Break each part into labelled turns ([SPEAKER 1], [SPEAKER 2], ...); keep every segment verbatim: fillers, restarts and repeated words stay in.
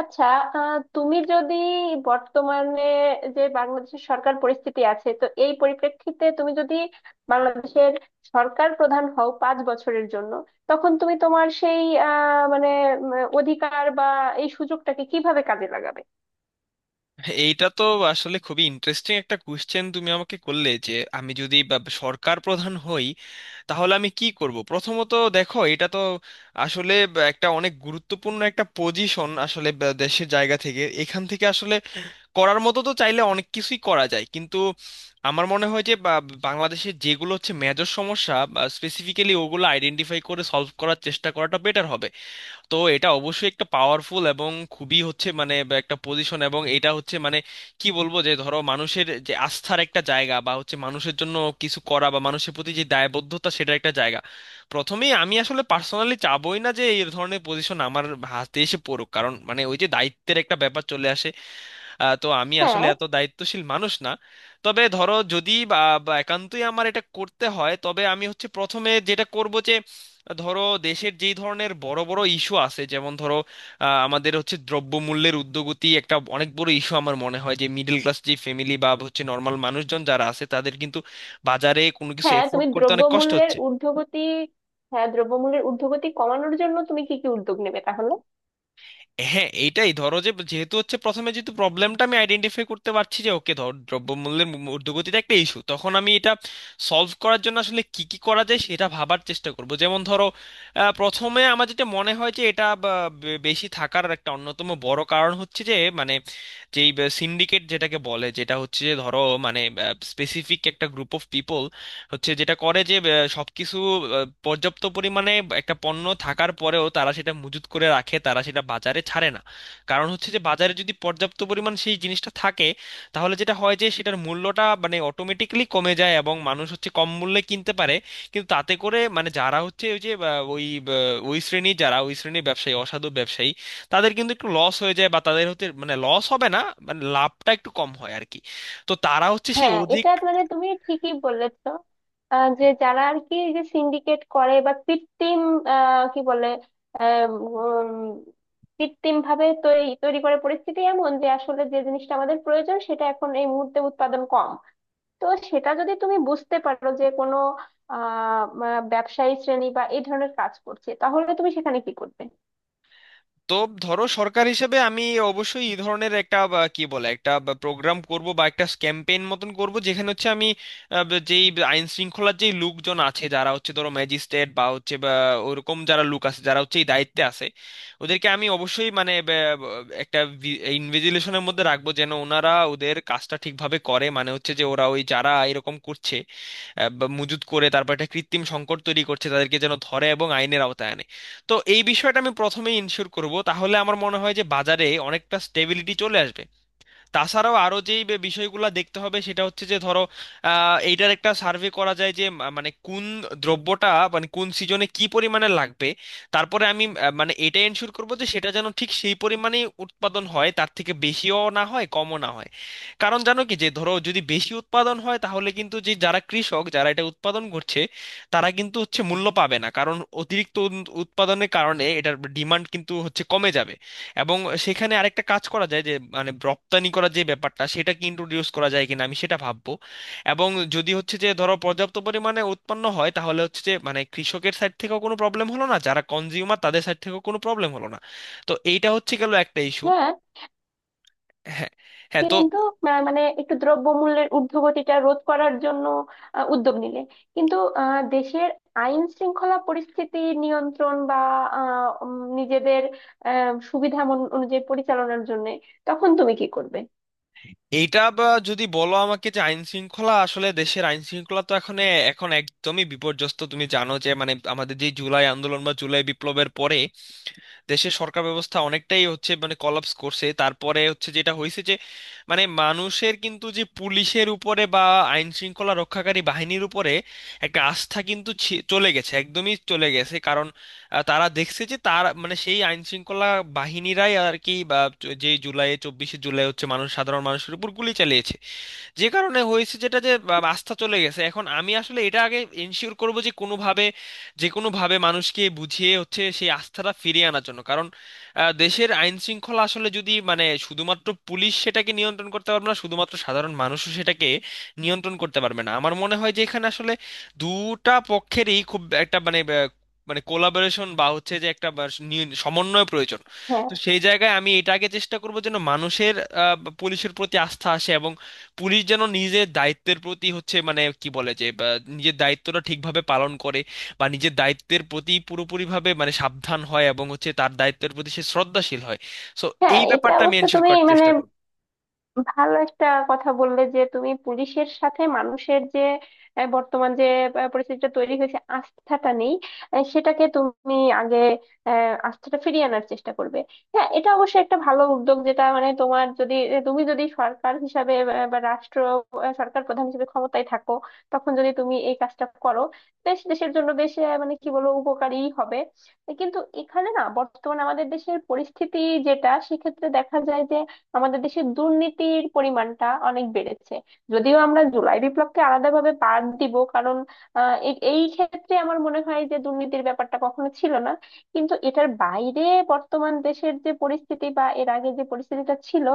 [SPEAKER 1] আচ্ছা। আহ, তুমি যদি বর্তমানে যে বাংলাদেশের সরকার পরিস্থিতি আছে, তো এই পরিপ্রেক্ষিতে তুমি যদি বাংলাদেশের সরকার প্রধান হও পাঁচ বছরের জন্য, তখন তুমি তোমার সেই আহ মানে উম, অধিকার বা এই সুযোগটাকে কিভাবে কাজে লাগাবে?
[SPEAKER 2] এইটা তো আসলে খুবই ইন্টারেস্টিং একটা কোশ্চেন তুমি আমাকে করলে যে আমি যদি বা- সরকার প্রধান হই, তাহলে আমি কি করব প্রথমত। দেখো, এটা তো আসলে বা- একটা অনেক গুরুত্বপূর্ণ একটা পজিশন আসলে বা- দেশের জায়গা থেকে। এখান থেকে আসলে করার মতো তো চাইলে অনেক কিছুই করা যায়, কিন্তু আমার মনে হয় যে বা- বাংলাদেশের যেগুলো হচ্ছে মেজর সমস্যা, স্পেসিফিক্যালি ওগুলো আইডেন্টিফাই করে সলভ করার চেষ্টা করাটা বেটার হবে। তো এটা অবশ্যই একটা পাওয়ারফুল এবং খুবই হচ্ছে মানে বা একটা পজিশন, এবং এটা হচ্ছে মানে কি বলবো, যে ধরো মানুষের যে আস্থার একটা জায়গা বা হচ্ছে মানুষের জন্য কিছু করা বা মানুষের প্রতি যে দায়বদ্ধতা, সেটার একটা জায়গা। প্রথমেই আমি আসলে পার্সোনালি চাবই না যে এই ধরনের পজিশন আমার হাতে এসে পড়ুক, কারণ মানে ওই যে দায়িত্বের একটা ব্যাপার চলে আসে। আহ, তো আমি আসলে
[SPEAKER 1] হ্যাঁ,
[SPEAKER 2] এত দায়িত্বশীল মানুষ না। তবে ধরো যদি বা বা একান্তই আমার এটা করতে হয়, তবে আমি হচ্ছে প্রথমে যেটা করব যে ধরো দেশের যেই ধরনের বড় বড় ইস্যু আছে, যেমন ধরো আহ, আমাদের হচ্ছে দ্রব্যমূল্যের ঊর্ধ্বগতি একটা অনেক বড় ইস্যু। আমার মনে হয় যে মিডল ক্লাস যে ফ্যামিলি বা হচ্ছে নর্মাল মানুষজন যারা আছে, তাদের কিন্তু বাজারে কোনো কিছু
[SPEAKER 1] হ্যাঁ,
[SPEAKER 2] এফোর্ড
[SPEAKER 1] তুমি
[SPEAKER 2] করতে অনেক কষ্ট
[SPEAKER 1] দ্রব্যমূল্যের
[SPEAKER 2] হচ্ছে।
[SPEAKER 1] ঊর্ধ্বগতি। হ্যাঁ, দ্রব্যমূল্যের ঊর্ধ্বগতি কমানোর জন্য তুমি কি কি উদ্যোগ নেবে তাহলে?
[SPEAKER 2] হ্যাঁ, এইটাই, ধরো যে যেহেতু হচ্ছে প্রথমে যেহেতু প্রবলেমটা আমি আইডেন্টিফাই করতে পারছি যে ওকে, ধর দ্রব্যমূল্যের মূ- ঊর্ধ্বগতিটা একটা ইস্যু, তখন আমি এটা সলভ করার জন্য আসলে কি কি করা যায় সেটা ভাবার চেষ্টা করব। যেমন ধরো আহ, প্রথমে আমার যেটা মনে হয় যে এটা বা, বে- বেশি থাকার একটা অন্যতম বড় কারণ হচ্ছে যে মানে যেই সিন্ডিকেট যেটাকে বলে, যেটা হচ্ছে যে ধরো মানে স্পেসিফিক একটা গ্রুপ অফ পিপল হচ্ছে, যেটা করে যে আহ, সবকিছু আহ, পর্যাপ্ত পরিমাণে একটা পণ্য থাকার পরেও তারা সেটা মজুত করে রাখে, তারা সেটা বাজারে ছাড়ে না। কারণ হচ্ছে যে বাজারে যদি পর্যাপ্ত পরিমাণ সেই জিনিসটা থাকে, তাহলে যেটা হয় যে সেটার মূল্যটা মানে অটোমেটিক্যালি কমে যায় এবং মানুষ হচ্ছে কম মূল্যে কিনতে পারে। কিন্তু তাতে করে মানে যারা হচ্ছে ওই যে আহ, ওই আহ, ওই শ্রেণীর যারা, ওই শ্রেণীর ব্যবসায়ী, অসাধু ব্যবসায়ী, তাদের কিন্তু একটু লস হয়ে যায় বা তাদের হতে মানে লস হবে না, মানে লাভটা একটু কম হয় আর কি। তো তারা হচ্ছে সেই
[SPEAKER 1] হ্যাঁ,
[SPEAKER 2] অধিক।
[SPEAKER 1] এটা মানে তুমি ঠিকই বলেছো। আহ, যে যারা আর কি এই যে সিন্ডিকেট করে বা কৃত্রিম, আহ, কি বলে, কৃত্রিম ভাবে তৈরি তৈরি করে পরিস্থিতি এমন যে আসলে যে জিনিসটা আমাদের প্রয়োজন, সেটা এখন এই মুহূর্তে উৎপাদন কম। তো সেটা যদি তুমি বুঝতে পারো যে কোনো আহ আহ, ব্যবসায়ী শ্রেণী বা এই ধরনের কাজ করছে, তাহলে তুমি সেখানে কি করবে?
[SPEAKER 2] তো ধরো সরকার হিসেবে আমি অবশ্যই এই ধরনের একটা বা কি বলে একটা প্রোগ্রাম করব বা একটা ক্যাম্পেইন মতন করব, যেখানে হচ্ছে আমি আহ, ব- যেই আইন শৃঙ্খলার যেই লোকজন আছে যারা হচ্ছে ধরো ম্যাজিস্ট্রেট বা হচ্ছে বা ওরকম যারা লোক আছে যারা হচ্ছে এই দায়িত্বে আছে, ওদেরকে আমি অবশ্যই মানে ব- ব- একটা ইনভিজিলেশনের মধ্যে রাখবো, যেন ওনারা ওদের কাজটা ঠিকভাবে করে, মানে হচ্ছে যে ওরা ওই যারা এরকম করছে আহ, বা মজুত করে, তারপর একটা কৃত্রিম সংকট তৈরি করছে, তাদেরকে যেন ধরে এবং আইনের আওতায় আনে। তো এই বিষয়টা আমি প্রথমেই ইনশিওর করব, তাহলে আমার মনে হয় যে বাজারে অনেকটা স্টেবিলিটি চলে আসবে। তাছাড়াও আরো যেই বে- বিষয়গুলো দেখতে হবে সেটা হচ্ছে যে ধরো আহ, এইটার একটা সার্ভে করা যায় যে মা- মানে কোন দ্রব্যটা মানে কোন সিজনে কি পরিমাণে লাগবে। তারপরে আমি আহ, মানে এটা এনশিওর করবো যে সেটা যেন ঠিক সেই পরিমাণে উৎপাদন হয়, তার থেকে বেশিও না হয় কমও না হয়। কারণ জানো কি যে ধরো যদি বেশি উৎপাদন হয় তাহলে কিন্তু যে যারা কৃষক যারা এটা উৎপাদন করছে, তারা কিন্তু হচ্ছে মূল্য পাবে না, কারণ অতিরিক্ত উন- উৎপাদনের কারণে এটার ডিমান্ড কিন্তু হচ্ছে কমে যাবে। এবং সেখানে আরেকটা কাজ করা যায় যে মানে রপ্তানি করার যে ব্যাপারটা সেটা কি ইন্ট্রোডিউস করা যায় কিনা, আমি সেটা ভাববো। এবং যদি হচ্ছে যে ধরো পর্যাপ্ত পরিমাণে উৎপন্ন হয়, তাহলে হচ্ছে যে মানে কৃষকের সাইড থেকেও কোনো প্রবলেম হলো না, যারা কনজিউমার তাদের সাইড থেকেও কোনো প্রবলেম হলো না। তো এইটা হচ্ছে গেল একটা ইস্যু।
[SPEAKER 1] হ্যাঁ।
[SPEAKER 2] হ্যাঁ। হ্যাঁ, তো
[SPEAKER 1] কিন্তু আহ, মানে একটু দ্রব্যমূল্যের ঊর্ধ্বগতিটা রোধ করার জন্য আহ, উদ্যোগ নিলে, কিন্তু আহ, দেশের আইন শৃঙ্খলা পরিস্থিতি নিয়ন্ত্রণ বা আহ, উম, নিজেদের আহ, সুবিধা মন- অনুযায়ী পরিচালনার জন্য, তখন তুমি কি করবে?
[SPEAKER 2] এইটা বা যদি বলো আমাকে যে আইন শৃঙ্খলা, আসলে দেশের আইন শৃঙ্খলা তো এখন এখন একদমই বিপর্যস্ত। তুমি জানো যে মানে আমাদের যে জুলাই আন্দোলন বা জুলাই বিপ্লবের পরে দেশের সরকার ব্যবস্থা অনেকটাই হচ্ছে মানে কলাপস করছে। তারপরে হচ্ছে যেটা হয়েছে যে মানে মানুষের কিন্তু যে পুলিশের উপরে বা আইন শৃঙ্খলা রক্ষাকারী বাহিনীর উপরে একটা আস্থা কিন্তু ছি- চলে গেছে, একদমই চলে গেছে। কারণ আহ, তারা দেখছে যে তার মানে সেই আইন শৃঙ্খলা বাহিনীরাই আর কি বা যে জুলাই চব্বিশে জুলাই হচ্ছে মানুষ, সাধারণ মানুষের উপর গুলি চালিয়েছে। যে কারণে হয়েছে যেটা যে বা- আস্থা চলে গেছে। এখন আমি আসলে এটা আগে এনশিওর করব যে কোনোভাবে যে কোনোভাবে মানুষকে বুঝিয়ে হচ্ছে সেই আস্থাটা ফিরিয়ে আনার জন্য। কারণ আহ, দেশের আইন শৃঙ্খলা আসলে যদি মানে শুধুমাত্র পুলিশ সেটাকে নিয়ন্ত্রণ করতে পারবে না, শুধুমাত্র সাধারণ মানুষও সেটাকে নিয়ন্ত্রণ করতে পারবে না। আমার মনে হয় যে এখানে আসলে দুটা পক্ষেরই খুব একটা মানে আহ, মানে কোলাবোরেশন বা হচ্ছে যে একটা বা নিয়ন- সমন্বয় প্রয়োজন।
[SPEAKER 1] হ্যাঁ,
[SPEAKER 2] তো সেই জায়গায় আমি এটাকে চেষ্টা করব যেন মানুষের আহ, পুলিশের প্রতি আস্থা আসে, এবং পুলিশ যেন নিজের দায়িত্বের প্রতি হচ্ছে মানে কি বলে যে বা নিজের দায়িত্বটা ঠিকভাবে পালন করে, বা নিজের দায়িত্বের প্রতি পুরোপুরিভাবে মানে সাবধান হয় এবং হচ্ছে তার দায়িত্বের প্রতি সে শ্রদ্ধাশীল হয়। সো
[SPEAKER 1] হ্যাঁ,
[SPEAKER 2] এই
[SPEAKER 1] এটা
[SPEAKER 2] ব্যাপারটা আমি
[SPEAKER 1] অবশ্য
[SPEAKER 2] এনশিওর
[SPEAKER 1] তুমি
[SPEAKER 2] করার
[SPEAKER 1] মানে
[SPEAKER 2] চেষ্টা করব।
[SPEAKER 1] ভালো একটা কথা বললে, যে তুমি পুলিশের সাথে মানুষের যে আহ, বর্তমান যে আহ, পরিস্থিতিটা তৈরি হয়েছে, আস্থাটা নেই, আহ, সেটাকে তুমি আগে আহ, আস্থাটা ফিরিয়ে আনার চেষ্টা করবে। হ্যাঁ, এটা অবশ্যই একটা ভালো উদ্যোগ, যেটা মানে তোমার যদি তুমি যদি সরকার হিসাবে আহ, বা রাষ্ট্র আহ, সরকার প্রধান হিসেবে ক্ষমতায় থাকো, তখন যদি তুমি এই কাজটা করো, বেশ দেশের জন্য বেশ আহ, মানে কি বলবো, উপকারী হবে। কিন্তু এখানে না, বর্তমানে আমাদের দেশের পরিস্থিতি যেটা সেক্ষেত্রে দেখা যায় যে, আমাদের দেশে দুর্নীতির পরিমাণটা অনেক বেড়েছে। যদিও আমরা জুলাই বিপ্লবকে আলাদাভাবে বাদ দিব, কারণ আহ, এ- এই ক্ষেত্রে আমার মনে হয় যে দুর্নীতির ব্যাপারটা কখনো ছিল না। কিন্তু এটার বাইরে বর্তমান দেশের যে পরিস্থিতি বা এর আগে যে পরিস্থিতিটা ছিল,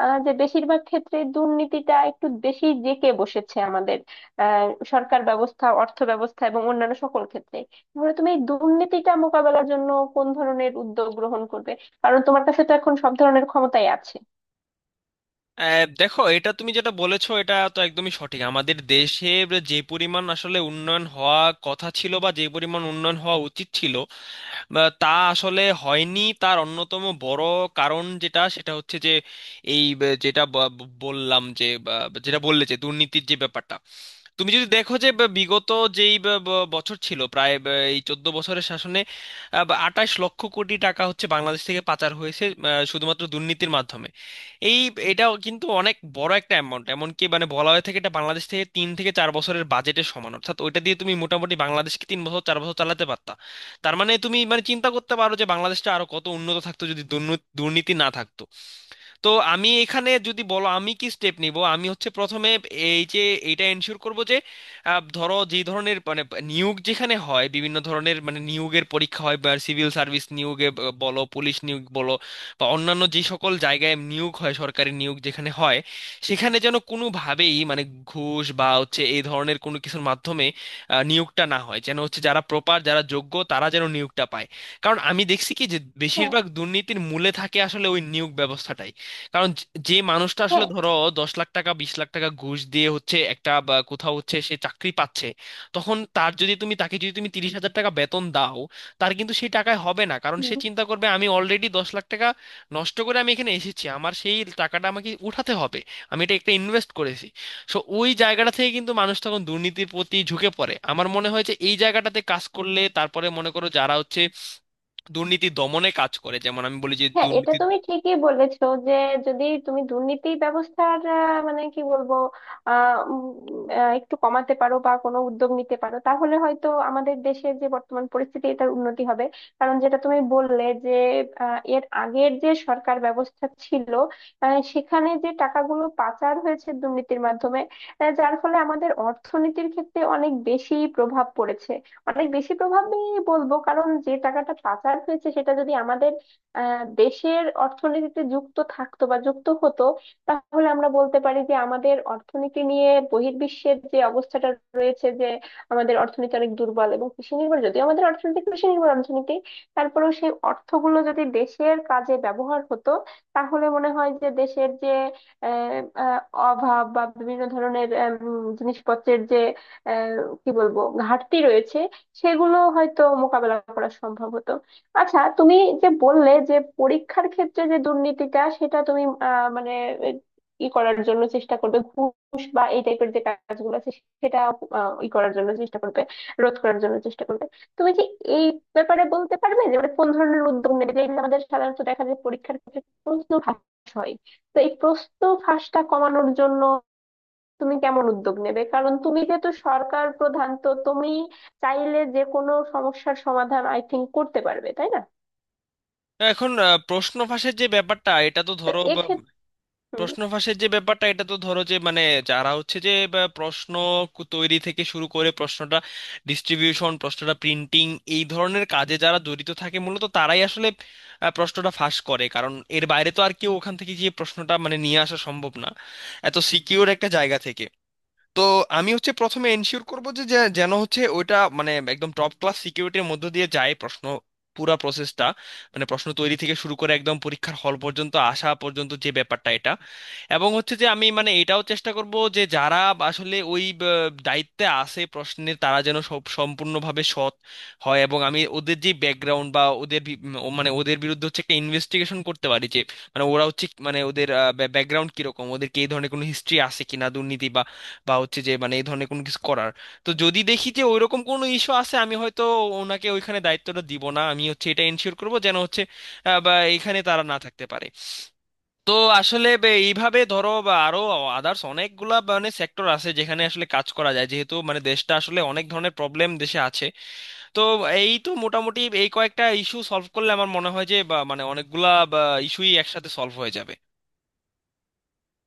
[SPEAKER 1] আহ, যে বেশিরভাগ ক্ষেত্রে দুর্নীতিটা একটু বেশি জেঁকে বসেছে আমাদের আহ সরকার ব্যবস্থা, অর্থ ব্যবস্থা এবং অন্যান্য সকল ক্ষেত্রে। তাহলে তুমি এই দুর্নীতিটা মোকাবেলার জন্য কোন ধরনের উদ্যোগ গ্রহণ করবে? কারণ তোমার কাছে তো এখন সব ধরনের ক্ষমতাই আছে।
[SPEAKER 2] আহ, দেখো এটা তুমি যেটা বলেছো এটা তো একদমই সঠিক। আমাদের দেশের যে পরিমাণ আসলে উন্নয়ন হওয়া কথা ছিল, বা যে পরিমাণ উন্নয়ন হওয়া উচিত ছিল বা তা আসলে হয়নি, তার অন্যতম বড় কারণ যেটা সেটা হচ্ছে যে এই ব- যেটা ব- ব- বললাম যে বা- যেটা বললে যে দুর্নীতির যে ব্যাপারটা। তুমি যদি দেখো যে ব- বিগত যেই ব- ব- বছর ছিল প্রায় ব- এই চোদ্দ বছরের শাসনে আটাশ লক্ষ কোটি টাকা হচ্ছে বাংলাদেশ থেকে পাচার হয়েছে, আহ, শুধুমাত্র দুর্নীতির মাধ্যমে। এই এটাও কিন্তু অনেক বড় একটা অ্যামাউন্ট। এমনকি মানে বলা হয়ে থাকে এটা বাংলাদেশ থেকে তিন থেকে চার বছরের বাজেটের সমান, অর্থাৎ ওইটা দিয়ে তুমি মোটামুটি বাংলাদেশকে তিন বছর চার বছর চালাতে পারতা। তার মানে তুমি মানে চিন্তা করতে পারো যে বাংলাদেশটা আরো কত উন্নত থাকতো যদি দুর্নীতি দুর্নীতি না থাকতো। তো আমি এখানে যদি বলো আমি কি স্টেপ নিব, আমি হচ্ছে প্রথমে এই যে এটা এনশিওর করব যে আহ, ধরো যে ধরনের মানে নিয়োগ যেখানে হয়, বিভিন্ন ধরনের মানে নিয়োগের পরীক্ষা হয়, বা সিভিল সার্ভিস নিয়োগে ব- বলো, পুলিশ নিয়োগ বলো, বা অন্যান্য যে সকল জায়গায় নিয়োগ হয়, সরকারি নিয়োগ যেখানে হয়, সেখানে যেন কোনোভাবেই মানে ঘুষ বা হচ্ছে এই ধরনের কোনো কিছুর মাধ্যমে আহ, নিয়োগটা না হয়, যেন হচ্ছে যারা প্রপার, যারা যোগ্য তারা যেন নিয়োগটা পায়। কারণ আমি দেখছি কি যে
[SPEAKER 1] হ্যাঁ,
[SPEAKER 2] বেশিরভাগ দুর্নীতির মূলে থাকে আসলে ওই নিয়োগ ব্যবস্থাটাই। কারণ যে যে মানুষটা আসলে
[SPEAKER 1] হ্যাঁ,
[SPEAKER 2] ধরো দশ লাখ টাকা, বিশ লাখ টাকা ঘুষ দিয়ে হচ্ছে একটা বা কোথাও হচ্ছে সে চাকরি পাচ্ছে, তখন তার যদি তুমি, তাকে যদি তুমি তিরিশ হাজার টাকা বেতন দাও, তার কিন্তু সেই টাকায় হবে না। কারণ সে
[SPEAKER 1] হুম,
[SPEAKER 2] চিন্তা করবে আমি অলরেডি দশ লাখ টাকা নষ্ট করে আমি এখানে এসেছি, আমার সেই টাকাটা আমাকে উঠাতে হবে, আমি এটা একটা ইনভেস্ট করেছি। সো ওই জায়গাটা থেকে কিন্তু মানুষ তখন দুর্নীতির প্রতি ঝুঁকে পড়ে। আমার মনে হয় যে এই জায়গাটাতে কাজ করলে তারপরে মনে করো যারা হচ্ছে দুর্নীতি দমনে কাজ করে, যেমন আমি বলি যে
[SPEAKER 1] হ্যাঁ, এটা
[SPEAKER 2] দুর্নীতি।
[SPEAKER 1] তুমি ঠিকই বলেছো যে, যদি তুমি দুর্নীতি ব্যবস্থার আহ, মানে কি বলবো, আহ, উম, আহ, একটু কমাতে পারো বা কোনো উদ্যোগ নিতে পারো, তাহলে হয়তো আমাদের দেশের যে বর্তমান পরিস্থিতি, এটার উন্নতি হবে। কারণ যেটা তুমি বললে যে, আহ, এর আগের যে সরকার ব্যবস্থা ছিল, আহ, সেখানে যে টাকাগুলো পাচার হয়েছে দুর্নীতির মাধ্যমে, আহ, যার ফলে আমাদের অর্থনীতির ক্ষেত্রে অনেক বেশি প্রভাব পড়েছে। অনেক বেশি প্রভাবই বলবো, কারণ যে টাকাটা পাচার হয়েছে সেটা যদি আমাদের আহ দেশের অর্থনীতিতে যুক্ত থাকতো বা যুক্ত হতো, তাহলে আমরা বলতে পারি যে আমাদের অর্থনীতি নিয়ে বহির্বিশ্বের যে অবস্থাটা রয়েছে, যে আমাদের অর্থনীতি অনেক দুর্বল এবং কৃষি নির্ভর। যদিও আমাদের অর্থনীতি কৃষি নির্ভর অর্থনীতি, তারপরেও সেই অর্থগুলো যদি দেশের কাজে ব্যবহার হতো, তাহলে মনে হয় যে দেশের যে আহ, আহ, অভাব বা বিভিন্ন ধরনের উম, জিনিসপত্রের যে আহ, কি বলবো ঘাটতি রয়েছে, সেগুলো হয়তো মোকাবেলা করা সম্ভব হতো। আচ্ছা, তুমি যে বললে যে পরীক্ষার ক্ষেত্রে যে দুর্নীতিটা, সেটা তুমি আহ, মানে এ- ই করার জন্য চেষ্টা করবে, ঘুষ বা এই টাইপের যে কাজগুলো আছে সেটা আহ, ই করার জন্য চেষ্টা করবে, রোধ করার জন্য চেষ্টা করবে। তুমি কি এই ব্যাপারে বলতে পারবে যে মানে কোন ধরনের উদ্যোগ নেবে? যেগুলো আমাদের সাধারণত দেখা যায় পরীক্ষার ক্ষেত্রে প্রশ্ন ফাঁস হয়, তো এই প্রশ্ন ফাঁসটা কমানোর জন্য তুমি কেমন উদ্যোগ নেবে? কারণ তুমি যেহেতু সরকার প্রধান, তো তুমি চাইলে যে কোনো সমস্যার সমাধান আই থিঙ্ক করতে পারবে, তাই না?
[SPEAKER 2] এখন আহ, প্রশ্ন ফাঁসের যে ব্যাপারটা, এটা তো
[SPEAKER 1] তো
[SPEAKER 2] ধরো বা,
[SPEAKER 1] এক্ষেত্রে
[SPEAKER 2] প্রশ্ন ফাঁসের যে ব্যাপারটা এটা তো ধরো যে মানে যারা হচ্ছে যে বা, প্রশ্ন কু- তৈরি থেকে শুরু করে প্রশ্নটা ডিস্ট্রিবিউশন, প্রশ্নটা প্রিন্টিং, এই ধরনের কাজে যারা জড়িত থাকে মূলত তারাই আসলে আহ, প্রশ্নটা ফাঁস করে। কারণ এর বাইরে তো আর কেউ ওখান থেকে যে প্রশ্নটা মানে নিয়ে আসা সম্ভব না, এত সিকিউর একটা জায়গা থেকে। তো আমি হচ্ছে প্রথমে এনশিওর করব যে যে- যেন হচ্ছে ওইটা মানে একদম টপ ক্লাস সিকিউরিটির মধ্য দিয়ে যায় প্রশ্ন, পুরা প্রসেসটা, মানে প্রশ্ন তৈরি থেকে শুরু করে একদম পরীক্ষার হল পর্যন্ত আসা পর্যন্ত যে ব্যাপারটা এটা। এবং হচ্ছে যে আমি মানে এটাও চেষ্টা করব যে যারা আসলে ওই ব- দায়িত্বে আছে প্রশ্নের, তারা যেন সব সম্পূর্ণভাবে সৎ হয়, এবং আমি ওদের যে ব্যাকগ্রাউন্ড বা ওদের বি- উম, ও মানে ওদের বিরুদ্ধে হচ্ছে একটা ইনভেস্টিগেশন করতে পারি, যে মানে ওরা হচ্ছে মানে ওদের ব্যাকগ্রাউন্ড কিরকম, ওদের কি এই ধরনের কোনো হিস্ট্রি আছে কিনা দুর্নীতি বা হচ্ছে যে মানে এই ধরনের কোনো কিছু করার। তো যদি দেখি যে ওইরকম কোনো ইস্যু আছে, আমি হয়তো ওনাকে ওইখানে দায়িত্বটা দিব না। আমি হচ্ছে এটা এনশিওর করব যেন হচ্ছে আহ, বা এখানে তারা না থাকতে পারে। তো আসলে বে- এইভাবে ধরো বা আরো আদার্স অনেকগুলা মানে সেক্টর আছে যেখানে আসলে কাজ করা যায়, যেহেতু মানে দেশটা আসলে অনেক ধরনের প্রবলেম দেশে আছে। তো এই তো মোটামুটি এই কয়েকটা ইস্যু সলভ করলে আমার মনে হয় যে বা মানে অনেকগুলা ইস্যুই একসাথে সলভ হয়ে যাবে।